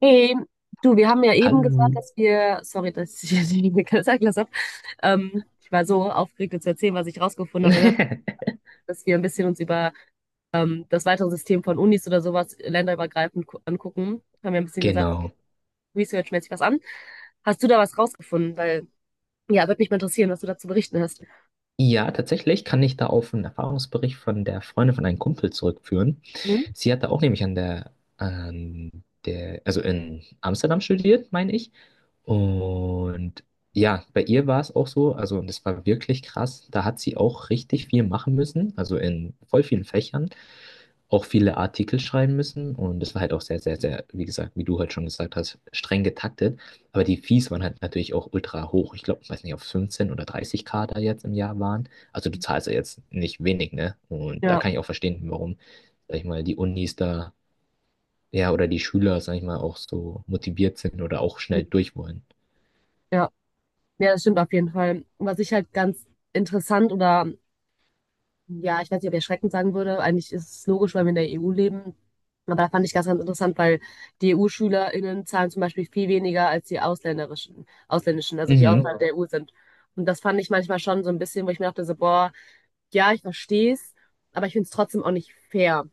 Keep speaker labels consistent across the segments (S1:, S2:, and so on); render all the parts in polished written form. S1: Hey, du, wir haben ja eben gesagt,
S2: Hallo.
S1: dass wir, sorry, dass ich jetzt nicht Zeit gelassen habe. Ich war so aufgeregt, dir zu erzählen, was ich rausgefunden habe, aber wir haben gesagt, dass wir ein bisschen uns über das weitere System von Unis oder sowas länderübergreifend angucken. Haben wir ein bisschen gesagt, guck
S2: Genau.
S1: researchmäßig was an. Hast du da was rausgefunden? Weil, ja, würde mich mal interessieren, was du dazu berichten hast.
S2: Ja, tatsächlich kann ich da auf einen Erfahrungsbericht von der Freundin von einem Kumpel zurückführen.
S1: Hm?
S2: Sie hatte auch nämlich an der, also in Amsterdam studiert, meine ich. Und ja, bei ihr war es auch so, also und das war wirklich krass, da hat sie auch richtig viel machen müssen, also in voll vielen Fächern, auch viele Artikel schreiben müssen und das war halt auch sehr, sehr, sehr, wie gesagt, wie du halt schon gesagt hast, streng getaktet, aber die Fees waren halt natürlich auch ultra hoch, ich glaube, ich weiß nicht, auf 15 oder 30k da jetzt im Jahr waren, also du zahlst ja jetzt nicht wenig, ne? Und da
S1: Ja,
S2: kann ich auch verstehen, warum, sag ich mal, die Unis da, ja, oder die Schüler, sag ich mal, auch so motiviert sind oder auch
S1: hm,
S2: schnell durch wollen.
S1: ja, ja, das stimmt auf jeden Fall. Was ich halt ganz interessant oder, ja, ich weiß nicht, ob ich erschreckend sagen würde. Eigentlich ist es logisch, weil wir in der EU leben. Aber da fand ich ganz, ganz interessant, weil die EU-SchülerInnen zahlen zum Beispiel viel weniger als die ausländerischen, ausländischen, also die
S2: Mhm.
S1: außerhalb, ja, der EU sind. Und das fand ich manchmal schon so ein bisschen, wo ich mir dachte, so, boah, ja, ich verstehe es, aber ich finde es trotzdem auch nicht fair.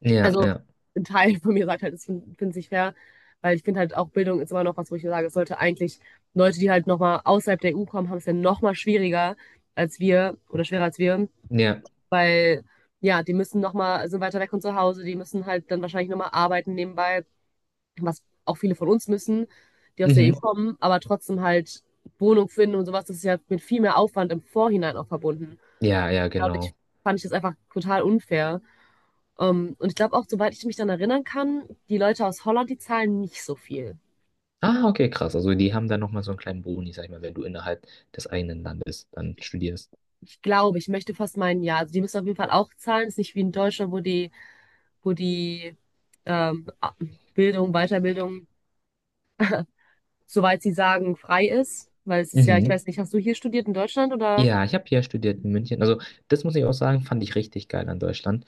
S2: Ja,
S1: Also
S2: ja,
S1: ein Teil von mir sagt halt, es finde es nicht fair, weil ich finde halt auch Bildung ist immer noch was, wo ich sage, es sollte eigentlich Leute, die halt nochmal außerhalb der EU kommen, haben es ja nochmal schwieriger als wir oder schwerer als wir,
S2: ja.
S1: weil, ja, die müssen nochmal, sind weiter weg von zu Hause, die müssen halt dann wahrscheinlich nochmal arbeiten nebenbei, was auch viele von uns müssen, die aus der EU
S2: Mhm.
S1: kommen, aber trotzdem halt Wohnung finden und sowas, das ist ja mit viel mehr Aufwand im Vorhinein auch verbunden.
S2: Ja, ja,
S1: Dadurch
S2: genau.
S1: fand ich das einfach total unfair. Und ich glaube auch, soweit ich mich dann erinnern kann, die Leute aus Holland, die zahlen nicht so viel.
S2: Ah, okay, krass. Also die haben dann nochmal so einen kleinen Boni, sag ich mal, wenn du innerhalb des eigenen Landes dann studierst.
S1: Ich glaube, ich möchte fast meinen, ja, also die müssen auf jeden Fall auch zahlen. Ist nicht wie in Deutschland, wo die ähm, Bildung, Weiterbildung, soweit sie sagen, frei ist. Weil es ist ja, ich
S2: Mhm.
S1: weiß nicht, hast du hier studiert in Deutschland oder?
S2: Ja, ich habe hier studiert in München. Also das muss ich auch sagen, fand ich richtig geil an Deutschland.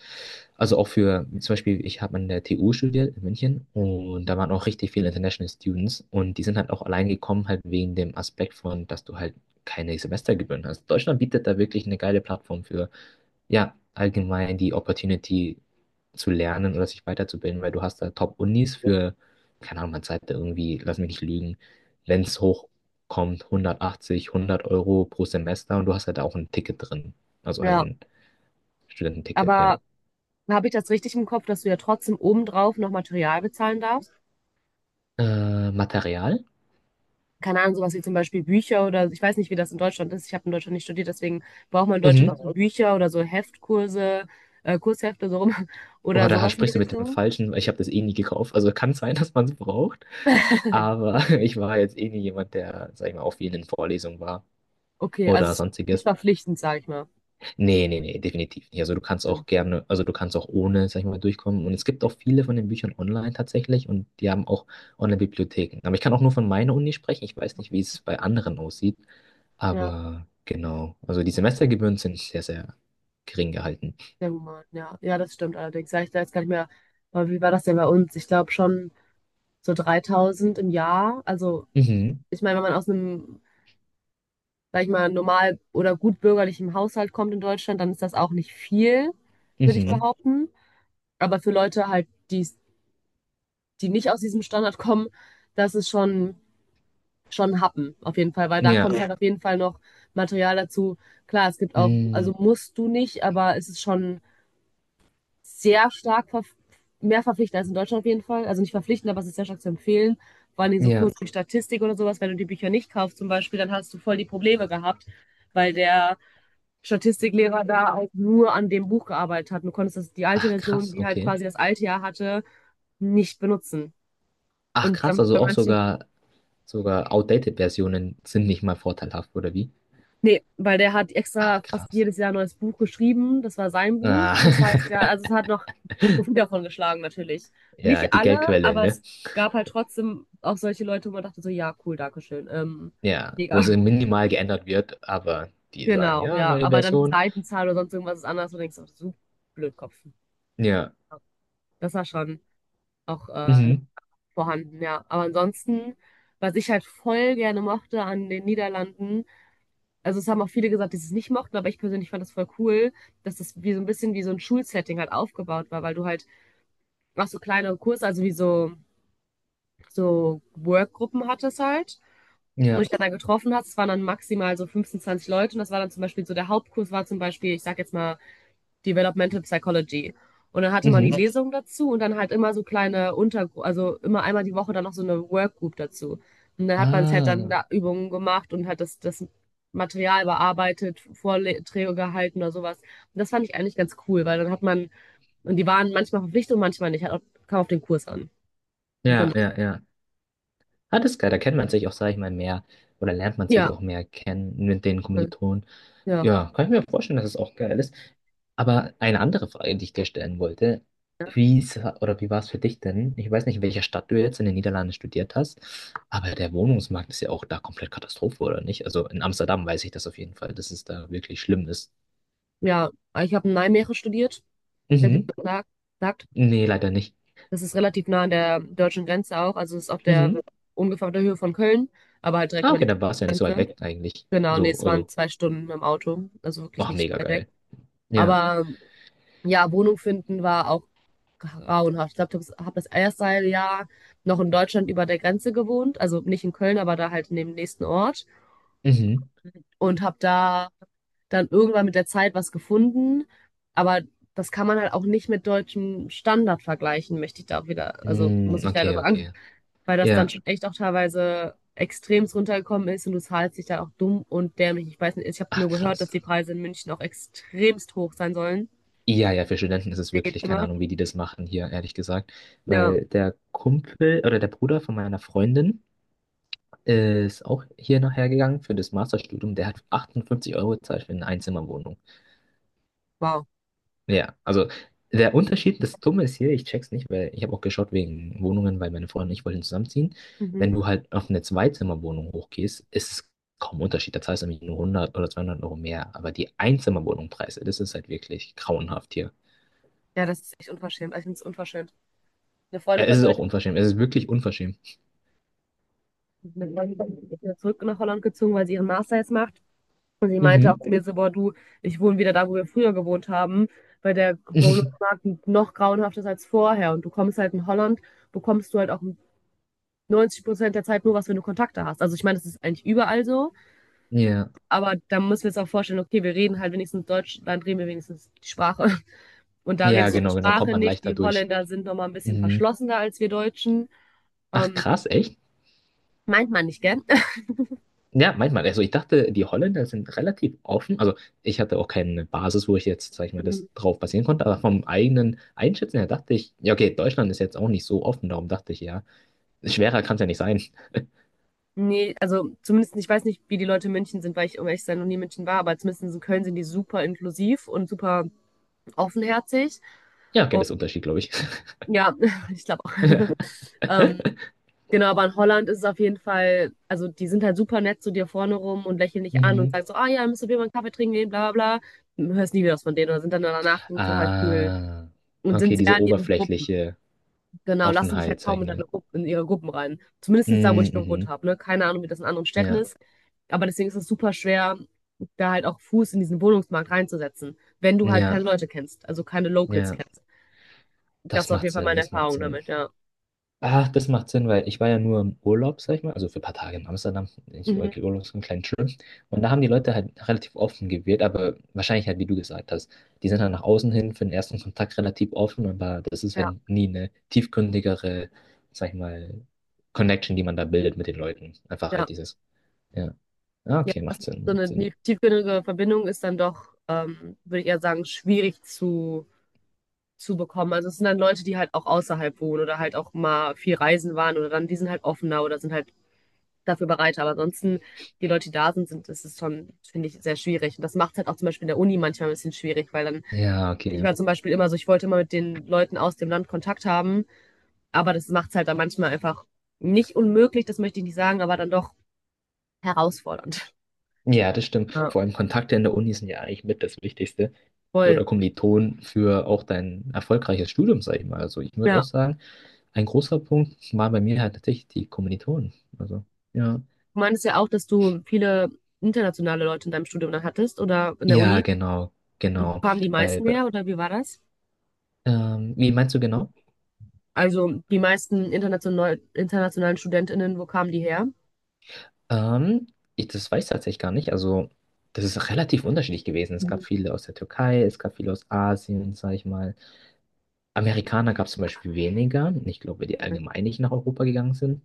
S2: Also auch für, zum Beispiel, ich habe an der TU studiert in München und da waren auch richtig viele International Students und die sind halt auch allein gekommen, halt wegen dem Aspekt von, dass du halt keine Semestergebühren hast. Deutschland bietet da wirklich eine geile Plattform für. Ja, allgemein die Opportunity zu lernen oder sich weiterzubilden, weil du hast da Top-Unis für, keine Ahnung, man zahlt da irgendwie, lass mich nicht lügen, wenn es hochkommt, 180, 100 Euro pro Semester und du hast halt auch ein Ticket drin. Also halt
S1: Ja,
S2: ein Studententicket, ja.
S1: aber habe ich das richtig im Kopf, dass du ja trotzdem obendrauf noch Material bezahlen darfst?
S2: Material?
S1: Keine Ahnung, sowas wie zum Beispiel Bücher oder ich weiß nicht, wie das in Deutschland ist. Ich habe in Deutschland nicht studiert, deswegen braucht man in Deutschland
S2: Mhm.
S1: noch so Bücher oder so Heftkurse, Kurshefte so rum
S2: Boah,
S1: oder
S2: da
S1: sowas in die
S2: sprichst du mit dem
S1: Richtung.
S2: Falschen, weil ich habe das eh nie gekauft. Also kann sein, dass man es braucht, aber ich war jetzt eh nie jemand, der, sag ich mal, auf vielen Vorlesungen war
S1: Okay, also
S2: oder
S1: es ist nicht
S2: sonstiges.
S1: verpflichtend, sage ich mal.
S2: Nee, nee, nee, definitiv nicht. Also du kannst
S1: Okay.
S2: auch gerne, also du kannst auch ohne, sag ich mal, durchkommen. Und es gibt auch viele von den Büchern online tatsächlich und die haben auch Online-Bibliotheken. Aber ich kann auch nur von meiner Uni sprechen. Ich weiß nicht, wie es bei anderen aussieht.
S1: Ja,
S2: Aber genau, also die Semestergebühren sind sehr, sehr gering gehalten.
S1: sehr human. Ja, ja, das stimmt allerdings. Sag ich da jetzt gar nicht mehr, aber wie war das denn bei uns? Ich glaube schon so 3.000 im Jahr, also
S2: Mhm,
S1: ich meine, wenn man aus einem, sag ich mal, normal oder gut bürgerlichen Haushalt kommt in Deutschland, dann ist das auch nicht viel, würde ich
S2: mhm,
S1: behaupten. Aber für Leute halt, die, die nicht aus diesem Standard kommen, das ist schon, schon ein Happen, auf jeden Fall, weil da kommt, ja,
S2: ja,
S1: halt auf jeden Fall noch Material dazu. Klar, es gibt auch, also
S2: mhm,
S1: musst du nicht, aber es ist schon sehr stark ver mehr verpflichtend als in Deutschland auf jeden Fall. Also nicht verpflichtend, aber es ist sehr stark zu empfehlen. Vor allem so
S2: ja.
S1: Kurse wie Statistik oder sowas. Wenn du die Bücher nicht kaufst zum Beispiel, dann hast du voll die Probleme gehabt, weil der Statistiklehrer da auch nur an dem Buch gearbeitet hat. Du konntest das, die alte
S2: Ach,
S1: Version,
S2: krass,
S1: die halt
S2: okay.
S1: quasi das alte Jahr hatte, nicht benutzen.
S2: Ach,
S1: Und
S2: krass,
S1: dann
S2: also
S1: bei
S2: auch
S1: manchen,
S2: sogar, sogar outdated Versionen sind nicht mal vorteilhaft, oder wie?
S1: nee, weil der hat
S2: Ach,
S1: extra fast
S2: krass.
S1: jedes Jahr ein neues Buch geschrieben. Das war sein Buch.
S2: Ah,
S1: Das heißt, ja, also es hat noch Profit davon geschlagen, natürlich.
S2: ja,
S1: Nicht
S2: die
S1: alle,
S2: Geldquelle,
S1: aber
S2: ne?
S1: es gab halt trotzdem auch solche Leute, wo man dachte so, ja, cool, Dankeschön.
S2: Ja, wo
S1: Mega.
S2: es minimal geändert wird, aber die sagen,
S1: Genau,
S2: ja,
S1: ja.
S2: neue
S1: Aber dann die
S2: Version.
S1: Seitenzahl oder sonst irgendwas ist anders und denkst auch, so Blödkopf.
S2: Ja.
S1: Das war schon auch
S2: Mhm.
S1: vorhanden, ja. Aber ansonsten, was ich halt voll gerne mochte an den Niederlanden, also es haben auch viele gesagt, die es nicht mochten, aber ich persönlich fand das voll cool, dass das wie so ein bisschen wie so ein Schulsetting halt aufgebaut war, weil du halt auch so kleine Kurse, also wie so, so Workgruppen hattest halt und
S2: Ja.
S1: ich dann da getroffen hast, es waren dann maximal so 15, 20 Leute und das war dann zum Beispiel so, der Hauptkurs war zum Beispiel, ich sag jetzt mal Developmental Psychology. Und dann hatte man die
S2: Mhm.
S1: Lesung dazu und dann halt immer so kleine Untergruppen, also immer einmal die Woche dann noch so eine Workgroup dazu. Und dann hat man halt dann
S2: Ah.
S1: da Übungen gemacht und hat das, das Material bearbeitet, Vorträge gehalten oder sowas. Und das fand ich eigentlich ganz cool, weil dann hat man, und die waren manchmal verpflichtet und manchmal nicht, hat auch, kam auf den Kurs an.
S2: Ja,
S1: Genau.
S2: ja, ja. Ah, das ist geil. Da kennt man sich auch, sag ich mal, mehr oder lernt man sich
S1: Ja,
S2: auch mehr kennen mit den Kommilitonen.
S1: ja,
S2: Ja, kann ich mir vorstellen, dass es auch geil ist. Aber eine andere Frage, die ich dir stellen wollte,
S1: ja.
S2: wie ist, oder wie war es für dich denn? Ich weiß nicht, in welcher Stadt du jetzt in den Niederlanden studiert hast, aber der Wohnungsmarkt ist ja auch da komplett Katastrophe, oder nicht? Also in Amsterdam weiß ich das auf jeden Fall, dass es da wirklich schlimm ist.
S1: Ja, ich habe in Nijmegen studiert, falls ihr
S2: Mhm.
S1: das sagt.
S2: Nee, leider nicht.
S1: Das ist relativ nah an der deutschen Grenze auch. Also es ist auf der
S2: Mhm.
S1: ungefähr auf der Höhe von Köln, aber halt direkt
S2: Ah,
S1: über
S2: okay,
S1: die
S2: dann war es ja nicht so weit
S1: Grenze.
S2: weg eigentlich.
S1: Genau, nee,
S2: So,
S1: es waren
S2: also,
S1: 2 Stunden im Auto, also wirklich
S2: ach,
S1: nicht
S2: mega
S1: weit weg.
S2: geil. Ja.
S1: Aber ja, Wohnung finden war auch grauenhaft. Ich glaube, ich habe das erste halbe Jahr noch in Deutschland über der Grenze gewohnt, also nicht in Köln, aber da halt in dem nächsten Ort
S2: Mhm.
S1: und habe da dann irgendwann mit der Zeit was gefunden, aber das kann man halt auch nicht mit deutschem Standard vergleichen, möchte ich da auch wieder, also
S2: Mm,
S1: muss ich leider
S2: okay,
S1: sagen.
S2: okay.
S1: Weil das dann
S2: Ja.
S1: schon echt auch teilweise extremst runtergekommen ist und du zahlst dich dann auch dumm und dämlich. Ich weiß nicht, ich habe
S2: Ach,
S1: nur gehört, dass
S2: krass.
S1: die Preise in München auch extremst hoch sein sollen.
S2: Ja, ja, für Studenten ist es
S1: Hier geht
S2: wirklich, keine
S1: immer.
S2: Ahnung, wie die das machen hier, ehrlich gesagt.
S1: Ja,
S2: Weil der Kumpel oder der Bruder von meiner Freundin ist auch hier nachher gegangen für das Masterstudium. Der hat 58 Euro gezahlt für eine Einzimmerwohnung.
S1: wow.
S2: Ja, also der Unterschied, das Dumme ist hier, ich check's nicht, weil ich habe auch geschaut wegen Wohnungen, weil meine Freundin und ich wollten zusammenziehen.
S1: Mhm.
S2: Wenn du halt auf eine Zweizimmerwohnung hochgehst, ist es kaum Unterschied. Da zahlst du nämlich nur 100 oder 200 Euro mehr. Aber die Einzimmerwohnungpreise, das ist halt wirklich grauenhaft hier.
S1: Ja, das ist echt unverschämt. Also ich finde es unverschämt. Eine
S2: Ja,
S1: Freundin
S2: es
S1: von
S2: ist auch
S1: mir
S2: unverschämt. Es ist wirklich unverschämt.
S1: ist wieder zurück nach Holland gezogen, weil sie ihren Master jetzt macht. Und sie meinte auch
S2: Mhm.
S1: zu mir so, boah, du, ich wohne wieder da, wo wir früher gewohnt haben, weil der Wohnungsmarkt noch grauenhafter ist als vorher. Und du kommst halt in Holland, bekommst du halt auch 90% der Zeit nur was, wenn du Kontakte hast. Also ich meine, das ist eigentlich überall so,
S2: Ja,
S1: aber da müssen wir uns auch vorstellen, okay, wir reden halt wenigstens Deutsch, dann reden wir wenigstens die Sprache. Und da
S2: ja,
S1: redest du die
S2: genau, genau. Kommt
S1: Sprache
S2: man
S1: nicht.
S2: leichter
S1: Die
S2: durch.
S1: Holländer sind nochmal ein bisschen
S2: Mhm.
S1: verschlossener als wir Deutschen.
S2: Ach,
S1: Ähm,
S2: krass, echt?
S1: meint man nicht, gell?
S2: Ja, manchmal. Also ich dachte, die Holländer sind relativ offen. Also ich hatte auch keine Basis, wo ich jetzt, sag ich mal, das drauf basieren konnte. Aber vom eigenen Einschätzen her dachte ich, ja, okay, Deutschland ist jetzt auch nicht so offen. Darum dachte ich, ja, schwerer kann es ja nicht sein.
S1: Nee, also zumindest, ich weiß nicht, wie die Leute in München sind, weil ich, um ehrlich zu sein, noch nie in München war, aber zumindest in Köln sind die super inklusiv und super offenherzig.
S2: Ja, okay,
S1: Und
S2: das ist ein Unterschied, glaube ich.
S1: ja, ich glaube auch. Ähm, Genau, aber in Holland ist es auf jeden Fall, also die sind halt super nett zu dir vorne rum und lächeln dich an und
S2: Mhm.
S1: sagen so, ah ja, müsst ihr mal einen Kaffee trinken gehen, bla bla bla. Hörst nie wieder was von denen oder sind dann danach so total kühl
S2: Ah,
S1: und sind
S2: okay,
S1: sehr
S2: diese
S1: in ihren Gruppen.
S2: oberflächliche
S1: Genau, lassen dich
S2: Offenheit,
S1: halt
S2: sag ich
S1: kaum in deine
S2: mal.
S1: Gruppen, in ihre Gruppen rein. Zumindest da, wo
S2: Mhm,
S1: ich gewohnt
S2: mhm.
S1: habe, ne? Keine Ahnung, wie das in anderen Städten
S2: Ja,
S1: ist. Aber deswegen ist es super schwer, da halt auch Fuß in diesen Wohnungsmarkt reinzusetzen, wenn du halt
S2: ja,
S1: keine Leute kennst, also keine Locals
S2: ja.
S1: kennst. Das
S2: Das
S1: war auf
S2: macht
S1: jeden Fall
S2: Sinn,
S1: meine
S2: das macht
S1: Erfahrung
S2: Sinn.
S1: damit, ja.
S2: Ach, das macht Sinn, weil ich war ja nur im Urlaub, sag ich mal, also für ein paar Tage in Amsterdam, nicht
S1: Mhm.
S2: Urlaub, so einen kleinen Trip. Und da haben die Leute halt relativ offen gewirkt, aber wahrscheinlich halt, wie du gesagt hast, die sind halt nach außen hin für den ersten Kontakt relativ offen, aber das ist
S1: Ja,
S2: halt nie eine tiefgründigere, sag ich mal, Connection, die man da bildet mit den Leuten. Einfach
S1: ja.
S2: halt dieses, ja, Ah,
S1: Ja,
S2: okay,
S1: das
S2: macht
S1: ist so
S2: Sinn, macht
S1: eine
S2: Sinn.
S1: tiefgründige Verbindung ist dann doch, würde ich eher sagen, schwierig zu bekommen. Also es sind dann Leute, die halt auch außerhalb wohnen oder halt auch mal viel reisen waren oder dann, die sind halt offener oder sind halt dafür bereit. Aber ansonsten, die Leute, die da sind, sind, ist es schon, finde ich, sehr schwierig. Und das macht es halt auch zum Beispiel in der Uni manchmal ein bisschen schwierig, weil dann,
S2: Ja,
S1: ich
S2: okay.
S1: war zum Beispiel immer so, ich wollte immer mit den Leuten aus dem Land Kontakt haben, aber das macht es halt dann manchmal einfach nicht unmöglich, das möchte ich nicht sagen, aber dann doch herausfordernd.
S2: Ja, das stimmt.
S1: Ja,
S2: Vor allem Kontakte in der Uni sind ja eigentlich mit das Wichtigste.
S1: voll.
S2: Oder Kommilitonen für auch dein erfolgreiches Studium, sag ich mal. Also ich würde auch
S1: Ja.
S2: sagen, ein großer Punkt war bei mir halt tatsächlich die Kommilitonen. Also, ja.
S1: Du meintest ja auch, dass du viele internationale Leute in deinem Studium dann hattest oder in der
S2: Ja,
S1: Uni.
S2: genau, genau.
S1: Kamen die
S2: Weil,
S1: meisten
S2: bei-
S1: her oder wie war das?
S2: wie meinst du genau?
S1: Also die meisten internationalen StudentInnen, wo kamen die her?
S2: Ähm, ich, das weiß ich tatsächlich gar nicht. Also, das ist relativ unterschiedlich gewesen. Es gab
S1: Mhm.
S2: viele aus der Türkei, es gab viele aus Asien, sag ich mal. Amerikaner gab es zum Beispiel weniger. Ich glaube, weil die allgemein nicht nach Europa gegangen sind.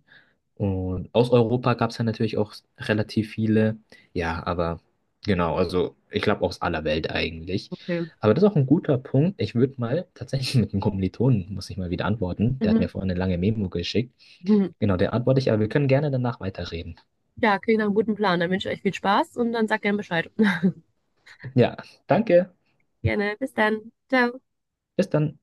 S2: Und aus Europa gab es ja natürlich auch relativ viele. Ja, aber genau, also ich glaube aus aller Welt eigentlich.
S1: Okay.
S2: Aber das ist auch ein guter Punkt. Ich würde mal tatsächlich mit einem Kommilitonen, muss ich mal wieder antworten. Der hat mir
S1: Mhm.
S2: vorhin eine lange Memo geschickt.
S1: Mhm.
S2: Genau, der antworte ich, aber wir können gerne danach weiterreden.
S1: Ja, klingt nach einem guten Plan. Dann wünsche ich euch viel Spaß und dann sag gerne Bescheid.
S2: Ja, danke.
S1: Gerne, bis dann. Ciao.
S2: Bis dann.